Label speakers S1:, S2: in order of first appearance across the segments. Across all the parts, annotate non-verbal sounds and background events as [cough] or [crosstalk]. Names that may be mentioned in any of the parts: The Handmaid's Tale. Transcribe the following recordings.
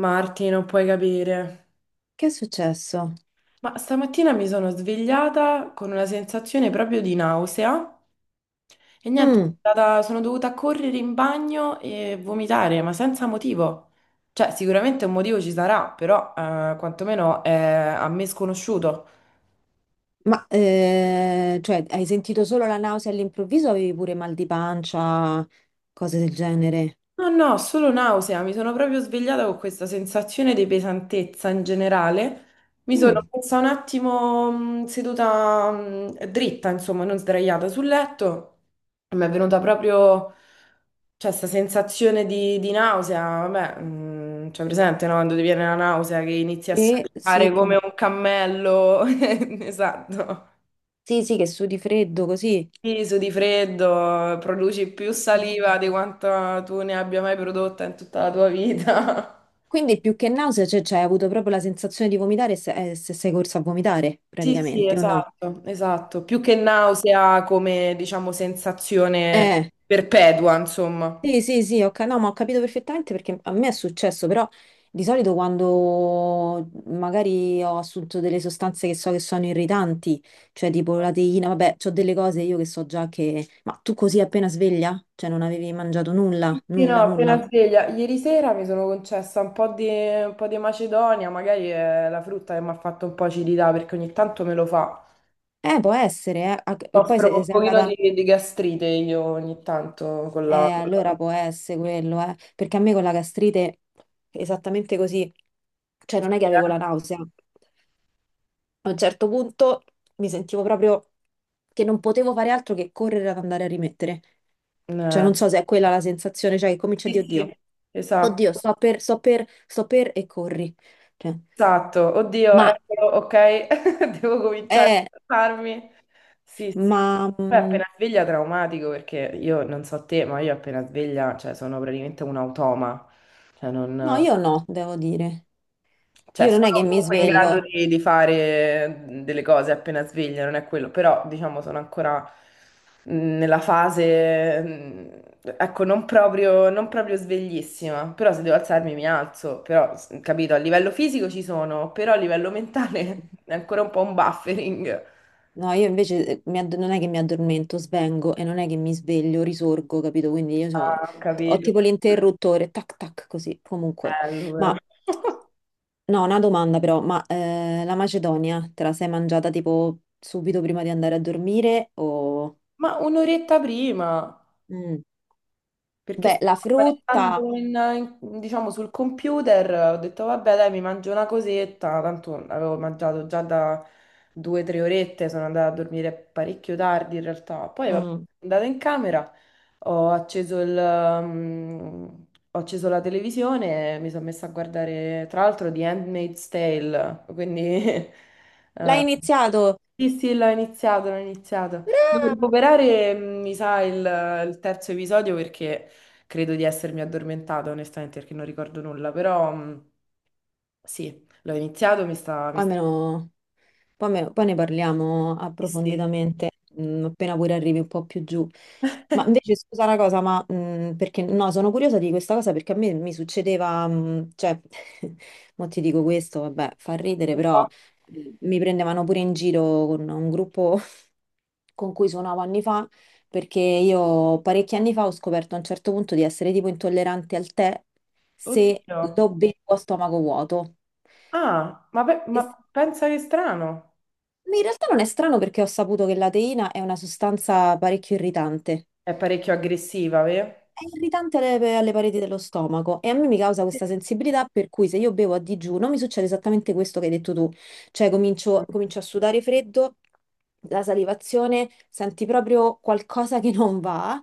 S1: Marti, non puoi capire.
S2: Che è successo?
S1: Ma stamattina mi sono svegliata con una sensazione proprio di nausea e niente,
S2: Mm,
S1: sono dovuta correre in bagno e vomitare, ma senza motivo. Cioè, sicuramente un motivo ci sarà, però quantomeno è a me sconosciuto.
S2: ma hai sentito solo la nausea all'improvviso o avevi pure mal di pancia, cose del genere?
S1: No, no, solo nausea, mi sono proprio svegliata con questa sensazione di pesantezza in generale. Mi sono
S2: Mm.
S1: messa un attimo seduta dritta, insomma, non sdraiata sul letto. Mi è venuta proprio, cioè, questa sensazione di nausea, vabbè, cioè, presente, no? Quando ti viene la nausea che inizi a
S2: E sì,
S1: saltare come
S2: come...
S1: un cammello, [laughs] esatto,
S2: Sì, sì, che sudi freddo così.
S1: Iso di freddo, produci più
S2: No.
S1: saliva di quanto tu ne abbia mai prodotta in tutta la tua vita. [laughs]
S2: Quindi più che nausea, cioè, hai avuto proprio la sensazione di vomitare se sei corsa a vomitare,
S1: Sì, sì,
S2: praticamente, o no?
S1: esatto, esatto, più che
S2: Ma-
S1: nausea come, diciamo, sensazione
S2: Eh,
S1: perpetua, insomma.
S2: Sì, sì, sì, ok, no, ma ho capito perfettamente perché a me è successo, però di solito quando magari ho assunto delle sostanze che so che sono irritanti, cioè tipo la teina, vabbè, ho delle cose io che so già che... Ma tu così appena sveglia? Cioè non avevi mangiato nulla,
S1: Sì, no,
S2: nulla, nulla?
S1: appena sveglia. Ieri sera mi sono concessa un po' di macedonia, magari è la frutta che mi ha fatto un po' acidità perché ogni tanto me lo fa.
S2: Può essere, eh. Ah, e poi
S1: Soffro
S2: se
S1: un
S2: sei
S1: pochino
S2: andata...
S1: di gastrite io ogni tanto con la, con la
S2: Allora può essere quello, eh. Perché a me con la gastrite, esattamente così, cioè non è che
S1: fruttiera.
S2: avevo la nausea. A un certo punto mi sentivo proprio che non potevo fare altro che correre ad andare a rimettere. Cioè,
S1: Eh,
S2: non so se è quella la sensazione, cioè che comincia a
S1: Sì,
S2: dire, oddio,
S1: sì,
S2: oddio,
S1: esatto,
S2: sto per, e corri. Cioè,
S1: esatto. Oddio,
S2: ma
S1: eccolo, ok, [laughs] devo cominciare
S2: è,
S1: a farmi. Sì, sì.
S2: ma
S1: Poi appena sveglia traumatico perché io non so te, ma io appena sveglia, cioè sono praticamente un automa. Cioè
S2: no,
S1: non...
S2: io no, devo dire.
S1: Cioè,
S2: Io non è
S1: sono
S2: che mi
S1: comunque in grado
S2: sveglio.
S1: di fare delle cose appena sveglia, non è quello, però diciamo sono ancora nella fase, ecco, non proprio, non proprio sveglissima, però se devo alzarmi mi alzo, però, capito, a livello fisico ci sono, però a livello mentale [laughs] è ancora un po' un buffering.
S2: No, io invece mi add- non è che mi addormento, svengo, e non è che mi sveglio, risorgo, capito? Quindi io so-
S1: Ah, ho
S2: ho
S1: capito,
S2: tipo l'interruttore, tac tac, così, comunque.
S1: bello però.
S2: Ma
S1: [laughs]
S2: no, una domanda però, ma la Macedonia te la sei mangiata tipo subito prima di andare a dormire o...
S1: Ma un'oretta prima.
S2: Mm.
S1: Perché
S2: Beh, la
S1: stavo
S2: frutta,
S1: spanettando diciamo, sul computer, ho detto vabbè dai mi mangio una cosetta, tanto avevo mangiato già da due o tre orette, sono andata a dormire parecchio tardi in realtà, poi vabbè,
S2: mm.
S1: sono andata in camera, ho acceso il, mm, ho acceso la televisione e mi sono messa a guardare tra l'altro The Handmaid's Tale, quindi [laughs]
S2: L'hai iniziato,
S1: Sì, sì, l'ho iniziato, l'ho iniziato. Devo
S2: brava!
S1: recuperare, mi sa, il terzo episodio perché credo di essermi addormentata, onestamente, perché non ricordo nulla, però sì, l'ho iniziato, mi sta... Mi
S2: Ma
S1: sta...
S2: almeno... Poi, me- poi ne parliamo
S1: Sì, sì.
S2: approfonditamente, mm, appena pure arrivi un po' più giù. Ma invece, scusa una cosa, ma perché no, sono curiosa di questa cosa perché a me mi succedeva, mm, cioè, [laughs] mo ti dico questo, vabbè, fa ridere,
S1: Un
S2: però
S1: po'.
S2: mi prendevano pure in giro con un gruppo [laughs] con cui suonavo anni fa, perché io parecchi anni fa ho scoperto a un certo punto di essere tipo intollerante al tè se
S1: Oddio.
S2: lo bevo a stomaco vuoto.
S1: Ah, ma pensa che strano.
S2: In realtà non è strano perché ho saputo che la teina è una sostanza parecchio irritante.
S1: È parecchio aggressiva, vero?
S2: È irritante alle pareti dello stomaco, e a me mi causa questa sensibilità per cui se io bevo a digiuno mi succede esattamente questo che hai detto tu, cioè comincio a sudare freddo, la salivazione, senti proprio qualcosa che non va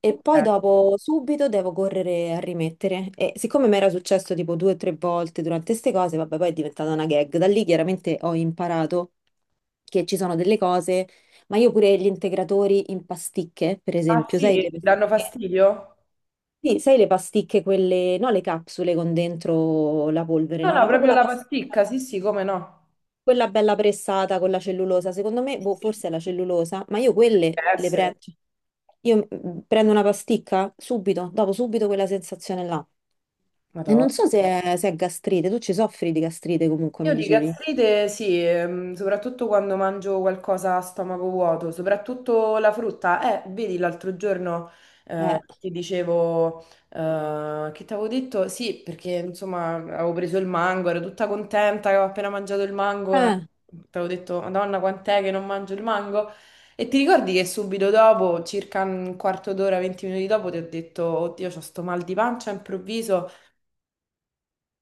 S2: e poi
S1: Ok.
S2: dopo subito devo correre a rimettere. E siccome mi era successo tipo due o tre volte durante queste cose, vabbè, poi è diventata una gag. Da lì chiaramente ho imparato che ci sono delle cose, ma io pure gli integratori in pasticche, per
S1: Ah
S2: esempio,
S1: sì,
S2: sai le
S1: ti
S2: pasticche?
S1: danno fastidio?
S2: Sì, sai le pasticche, quelle, no, le capsule con dentro la polvere,
S1: No,
S2: no,
S1: no,
S2: ma proprio
S1: proprio
S2: la
S1: la
S2: pasticca,
S1: pasticca, sì, sì, come no.
S2: quella bella pressata con la cellulosa. Secondo me,
S1: Sì,
S2: boh,
S1: sì.
S2: forse è la cellulosa, ma io quelle
S1: Deve
S2: le
S1: essere.
S2: prendo. Io prendo una pasticca, subito dopo subito quella sensazione là. E
S1: Madonna.
S2: non so se è gastrite, tu ci soffri di gastrite comunque, mi
S1: Io di
S2: dicevi.
S1: gastrite sì, soprattutto quando mangio qualcosa a stomaco vuoto, soprattutto la frutta. Vedi l'altro giorno
S2: Eh,
S1: ti dicevo, che ti avevo detto? Sì, perché insomma avevo preso il mango, ero tutta contenta che avevo appena mangiato il mango,
S2: eh,
S1: ti avevo detto, Madonna, quant'è che non mangio il mango? E ti ricordi che subito dopo, circa un quarto d'ora, 20 minuti dopo, ti ho detto, oddio, c'ho sto mal di pancia improvviso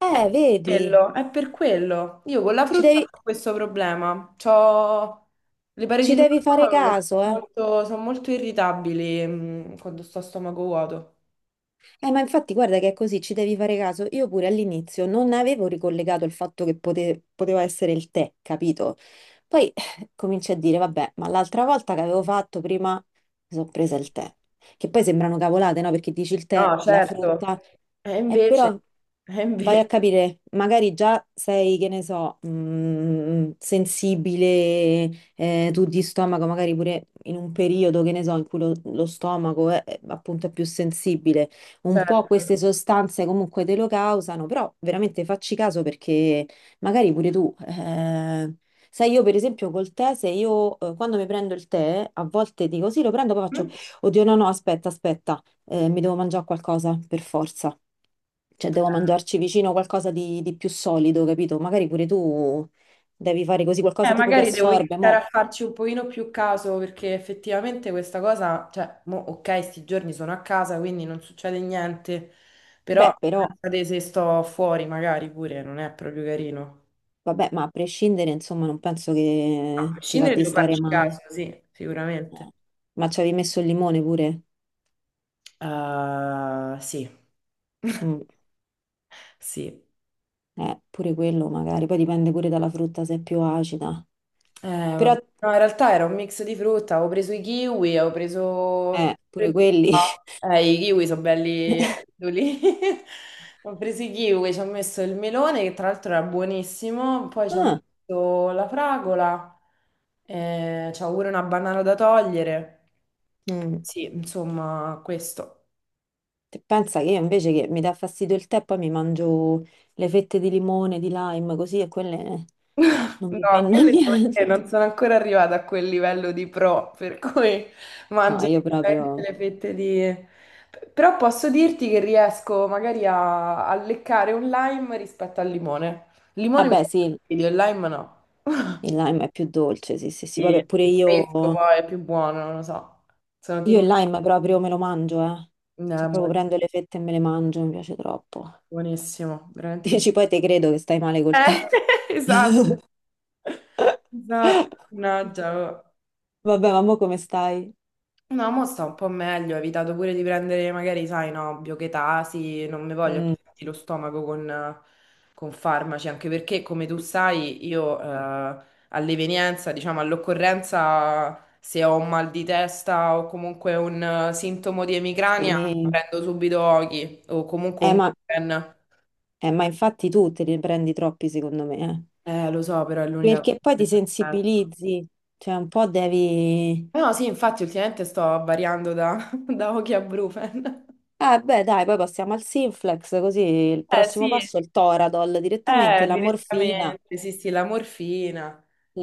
S2: eh, vedi,
S1: quello, è per quello. Io con la
S2: ci
S1: frutta
S2: devi,
S1: ho questo problema. C'ho le pareti
S2: ci
S1: dello
S2: devi fare
S1: stomaco che
S2: caso, eh.
S1: sono molto irritabili, quando sto a stomaco vuoto.
S2: Ma infatti guarda che è così, ci devi fare caso. Io pure all'inizio non avevo ricollegato il fatto che pote- poteva essere il tè, capito? Poi cominci a dire, vabbè, ma l'altra volta che avevo fatto prima mi sono presa il tè. Che poi sembrano cavolate, no? Perché dici il tè,
S1: No,
S2: la
S1: certo.
S2: frutta,
S1: E
S2: e
S1: invece,
S2: però
S1: e
S2: vai a
S1: invece,
S2: capire, magari già sei, che ne so, sensibile, tu di stomaco, magari pure in un periodo, che ne so, in cui lo stomaco è appunto è più sensibile, un po'
S1: certo.
S2: queste sostanze comunque te lo causano, però veramente facci caso, perché magari pure tu, sai, io per esempio col tè, se io quando mi prendo il tè, a volte dico sì, lo prendo, poi faccio,
S1: Mm?
S2: oddio, no, no, aspetta, aspetta, mi devo mangiare qualcosa per forza. Cioè, devo mangiarci vicino qualcosa di più solido, capito? Magari pure tu devi fare così, qualcosa tipo che
S1: Magari devo
S2: assorbe.
S1: iniziare a
S2: Mo...
S1: farci un pochino più caso perché effettivamente questa cosa, cioè, mo, ok, sti giorni sono a casa, quindi non succede niente, però
S2: Beh, però,
S1: pensate se sto fuori magari pure non è proprio carino.
S2: vabbè, ma a prescindere, insomma, non penso
S1: A
S2: che ti va
S1: prescindere
S2: di
S1: devo
S2: stare
S1: farci
S2: male.
S1: caso, sì, sicuramente.
S2: Ma ci avevi messo il limone pure?
S1: Sì, [laughs]
S2: Mm.
S1: sì.
S2: Pure quello magari, poi dipende pure dalla frutta se è più acida. Però,
S1: Vabbè. No, in realtà era un mix di frutta, avevo preso i kiwi, avevo preso...
S2: pure quelli. [laughs]
S1: I kiwi sono belli lì. [laughs] Ho preso i kiwi, ci ho messo il melone, che tra l'altro era buonissimo, poi ci ho
S2: Ah,
S1: messo la fragola, c'ho pure una banana da togliere.
S2: mm.
S1: Sì, insomma, questo.
S2: Te pensa che io invece, che mi dà fastidio il tè, poi mi mangio le fette di limone, di lime, così, e quelle non
S1: No,
S2: mi fanno [laughs]
S1: quelle devo dire,
S2: niente.
S1: non sono ancora arrivata a quel livello di pro, per cui
S2: No,
S1: mangio
S2: io
S1: direttamente
S2: proprio...
S1: le fette di... Però posso dirti che riesco magari a leccare un lime rispetto al limone. Il limone mi
S2: Vabbè,
S1: dà
S2: sì,
S1: fastidio, il lime no.
S2: il
S1: [laughs]
S2: lime è più dolce, sì, sì, sì,
S1: Sì, è
S2: vabbè, pure
S1: più fresco
S2: io...
S1: poi, è più buono, non lo so. Sono
S2: Io
S1: team...
S2: il lime proprio me lo mangio, eh.
S1: No, è
S2: Cioè proprio prendo le fette e me le mangio, mi piace troppo.
S1: buonissimo, veramente buono.
S2: Dici, poi te credo che stai male col te.
S1: Eh, [laughs] esatto,
S2: [laughs]
S1: esatto, mannaggia. Oh.
S2: Vabbè, ma mo come stai?
S1: No, mo sta un po' meglio, ho evitato pure di prendere magari, sai, no, biochetasi, non mi voglio più
S2: Mm,
S1: sentire lo stomaco con farmaci, anche perché, come tu sai, io all'evenienza, diciamo, all'occorrenza, se ho un mal di testa o comunque un sintomo di emicrania,
S2: sì.
S1: prendo subito Oki o comunque
S2: Eh,
S1: un
S2: ma,
S1: Bupen.
S2: ma infatti tu te ne prendi troppi, secondo me, eh.
S1: Lo so, però è l'unica cosa
S2: Perché
S1: che
S2: poi
S1: mi
S2: ti
S1: aspetto.
S2: sensibilizzi, cioè un po' devi...
S1: No, sì, infatti ultimamente sto variando da, [laughs] da Oki a Brufen.
S2: Ah, beh, dai, poi passiamo al Sinflex, così il
S1: Eh
S2: prossimo
S1: sì.
S2: passo è il Toradol, direttamente la morfina,
S1: Direttamente, sì, sì, la morfina.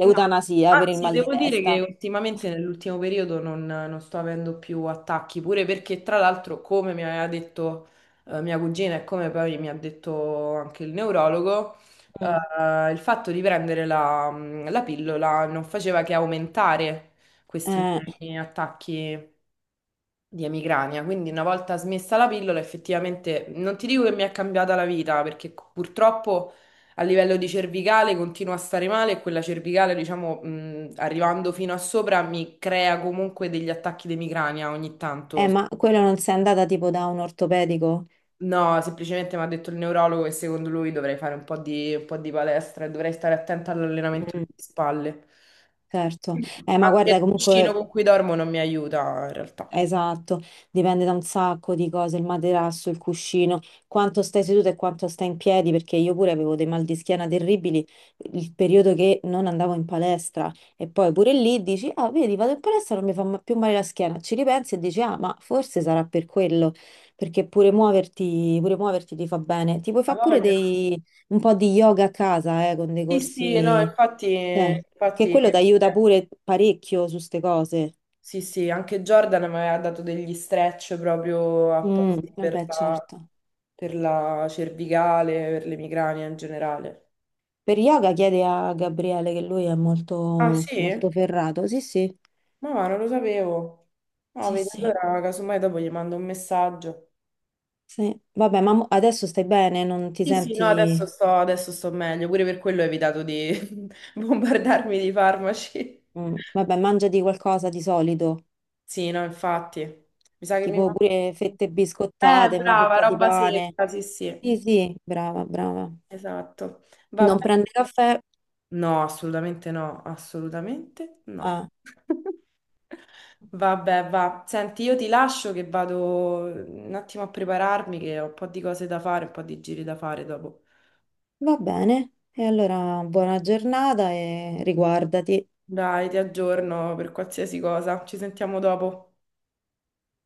S1: No,
S2: per il
S1: anzi,
S2: mal di
S1: devo dire
S2: testa.
S1: che ultimamente, nell'ultimo periodo, non sto avendo più attacchi, pure perché, tra l'altro, come mi aveva detto mia cugina e come poi mi ha detto anche il neurologo,
S2: Mm.
S1: il fatto di prendere la pillola non faceva che aumentare questi
S2: Eh,
S1: miei attacchi di emicrania. Quindi una volta smessa la pillola, effettivamente non ti dico che mi è cambiata la vita, perché purtroppo a livello di cervicale continuo a stare male e quella cervicale, diciamo, arrivando fino a sopra mi crea comunque degli attacchi di emicrania ogni tanto.
S2: eh, ma quello non sei andata tipo da un ortopedico?
S1: No, semplicemente mi ha detto il neurologo che secondo lui dovrei fare un po' di palestra e dovrei stare attenta all'allenamento
S2: Mm,
S1: delle spalle.
S2: certo. Ma
S1: Anche il
S2: guarda,
S1: cuscino
S2: comunque
S1: con cui dormo non mi aiuta in realtà.
S2: esatto, dipende da un sacco di cose, il materasso, il cuscino, quanto stai seduto e quanto stai in piedi, perché io pure avevo dei mal di schiena terribili il periodo che non andavo in palestra, e poi pure lì dici, ah, vedi, vado in palestra, non mi fa ma- più male la schiena, ci ripensi e dici, ah, ma forse sarà per quello, perché pure muoverti ti fa bene. Ti puoi
S1: Ha
S2: fare pure
S1: voglia.
S2: dei, un po' di yoga a casa, con dei
S1: Sì, sì, no,
S2: corsi,
S1: infatti,
S2: eh, che
S1: infatti,
S2: quello ti aiuta pure parecchio su ste cose.
S1: sì, sì, anche Jordan mi aveva dato degli stretch proprio
S2: Mm,
S1: apposta per
S2: vabbè,
S1: la,
S2: certo.
S1: per la cervicale, per le migranie in generale.
S2: Per yoga chiede a Gabriele che lui è
S1: Ah,
S2: molto, molto
S1: sì?
S2: ferrato. Sì, sì.
S1: Ma va, non lo sapevo. No,
S2: Sì,
S1: vedi,
S2: sì.
S1: allora casomai dopo gli mando un messaggio.
S2: Sì. Vabbè, ma mo- adesso stai bene, non ti
S1: Sì, sì, no, adesso
S2: senti...
S1: sto, meglio, pure per quello ho evitato di [laughs] bombardarmi di farmaci.
S2: Mm. Vabbè, mangiati qualcosa di solito,
S1: Sì, no, infatti. Mi sa che mi
S2: tipo pure
S1: mangio...
S2: fette biscottate, una
S1: Brava,
S2: fetta di
S1: roba
S2: pane.
S1: secca, sì, sì.
S2: Sì, sì, brava, brava.
S1: Esatto. Vabbè.
S2: Non prende caffè?
S1: No, assolutamente no, assolutamente no.
S2: Ah,
S1: [laughs] Vabbè, va. Senti, io ti lascio che vado un attimo a prepararmi, che ho un po' di cose da fare, un po' di giri da fare dopo.
S2: va bene. E allora buona giornata e riguardati.
S1: Dai, ti aggiorno per qualsiasi cosa. Ci sentiamo dopo.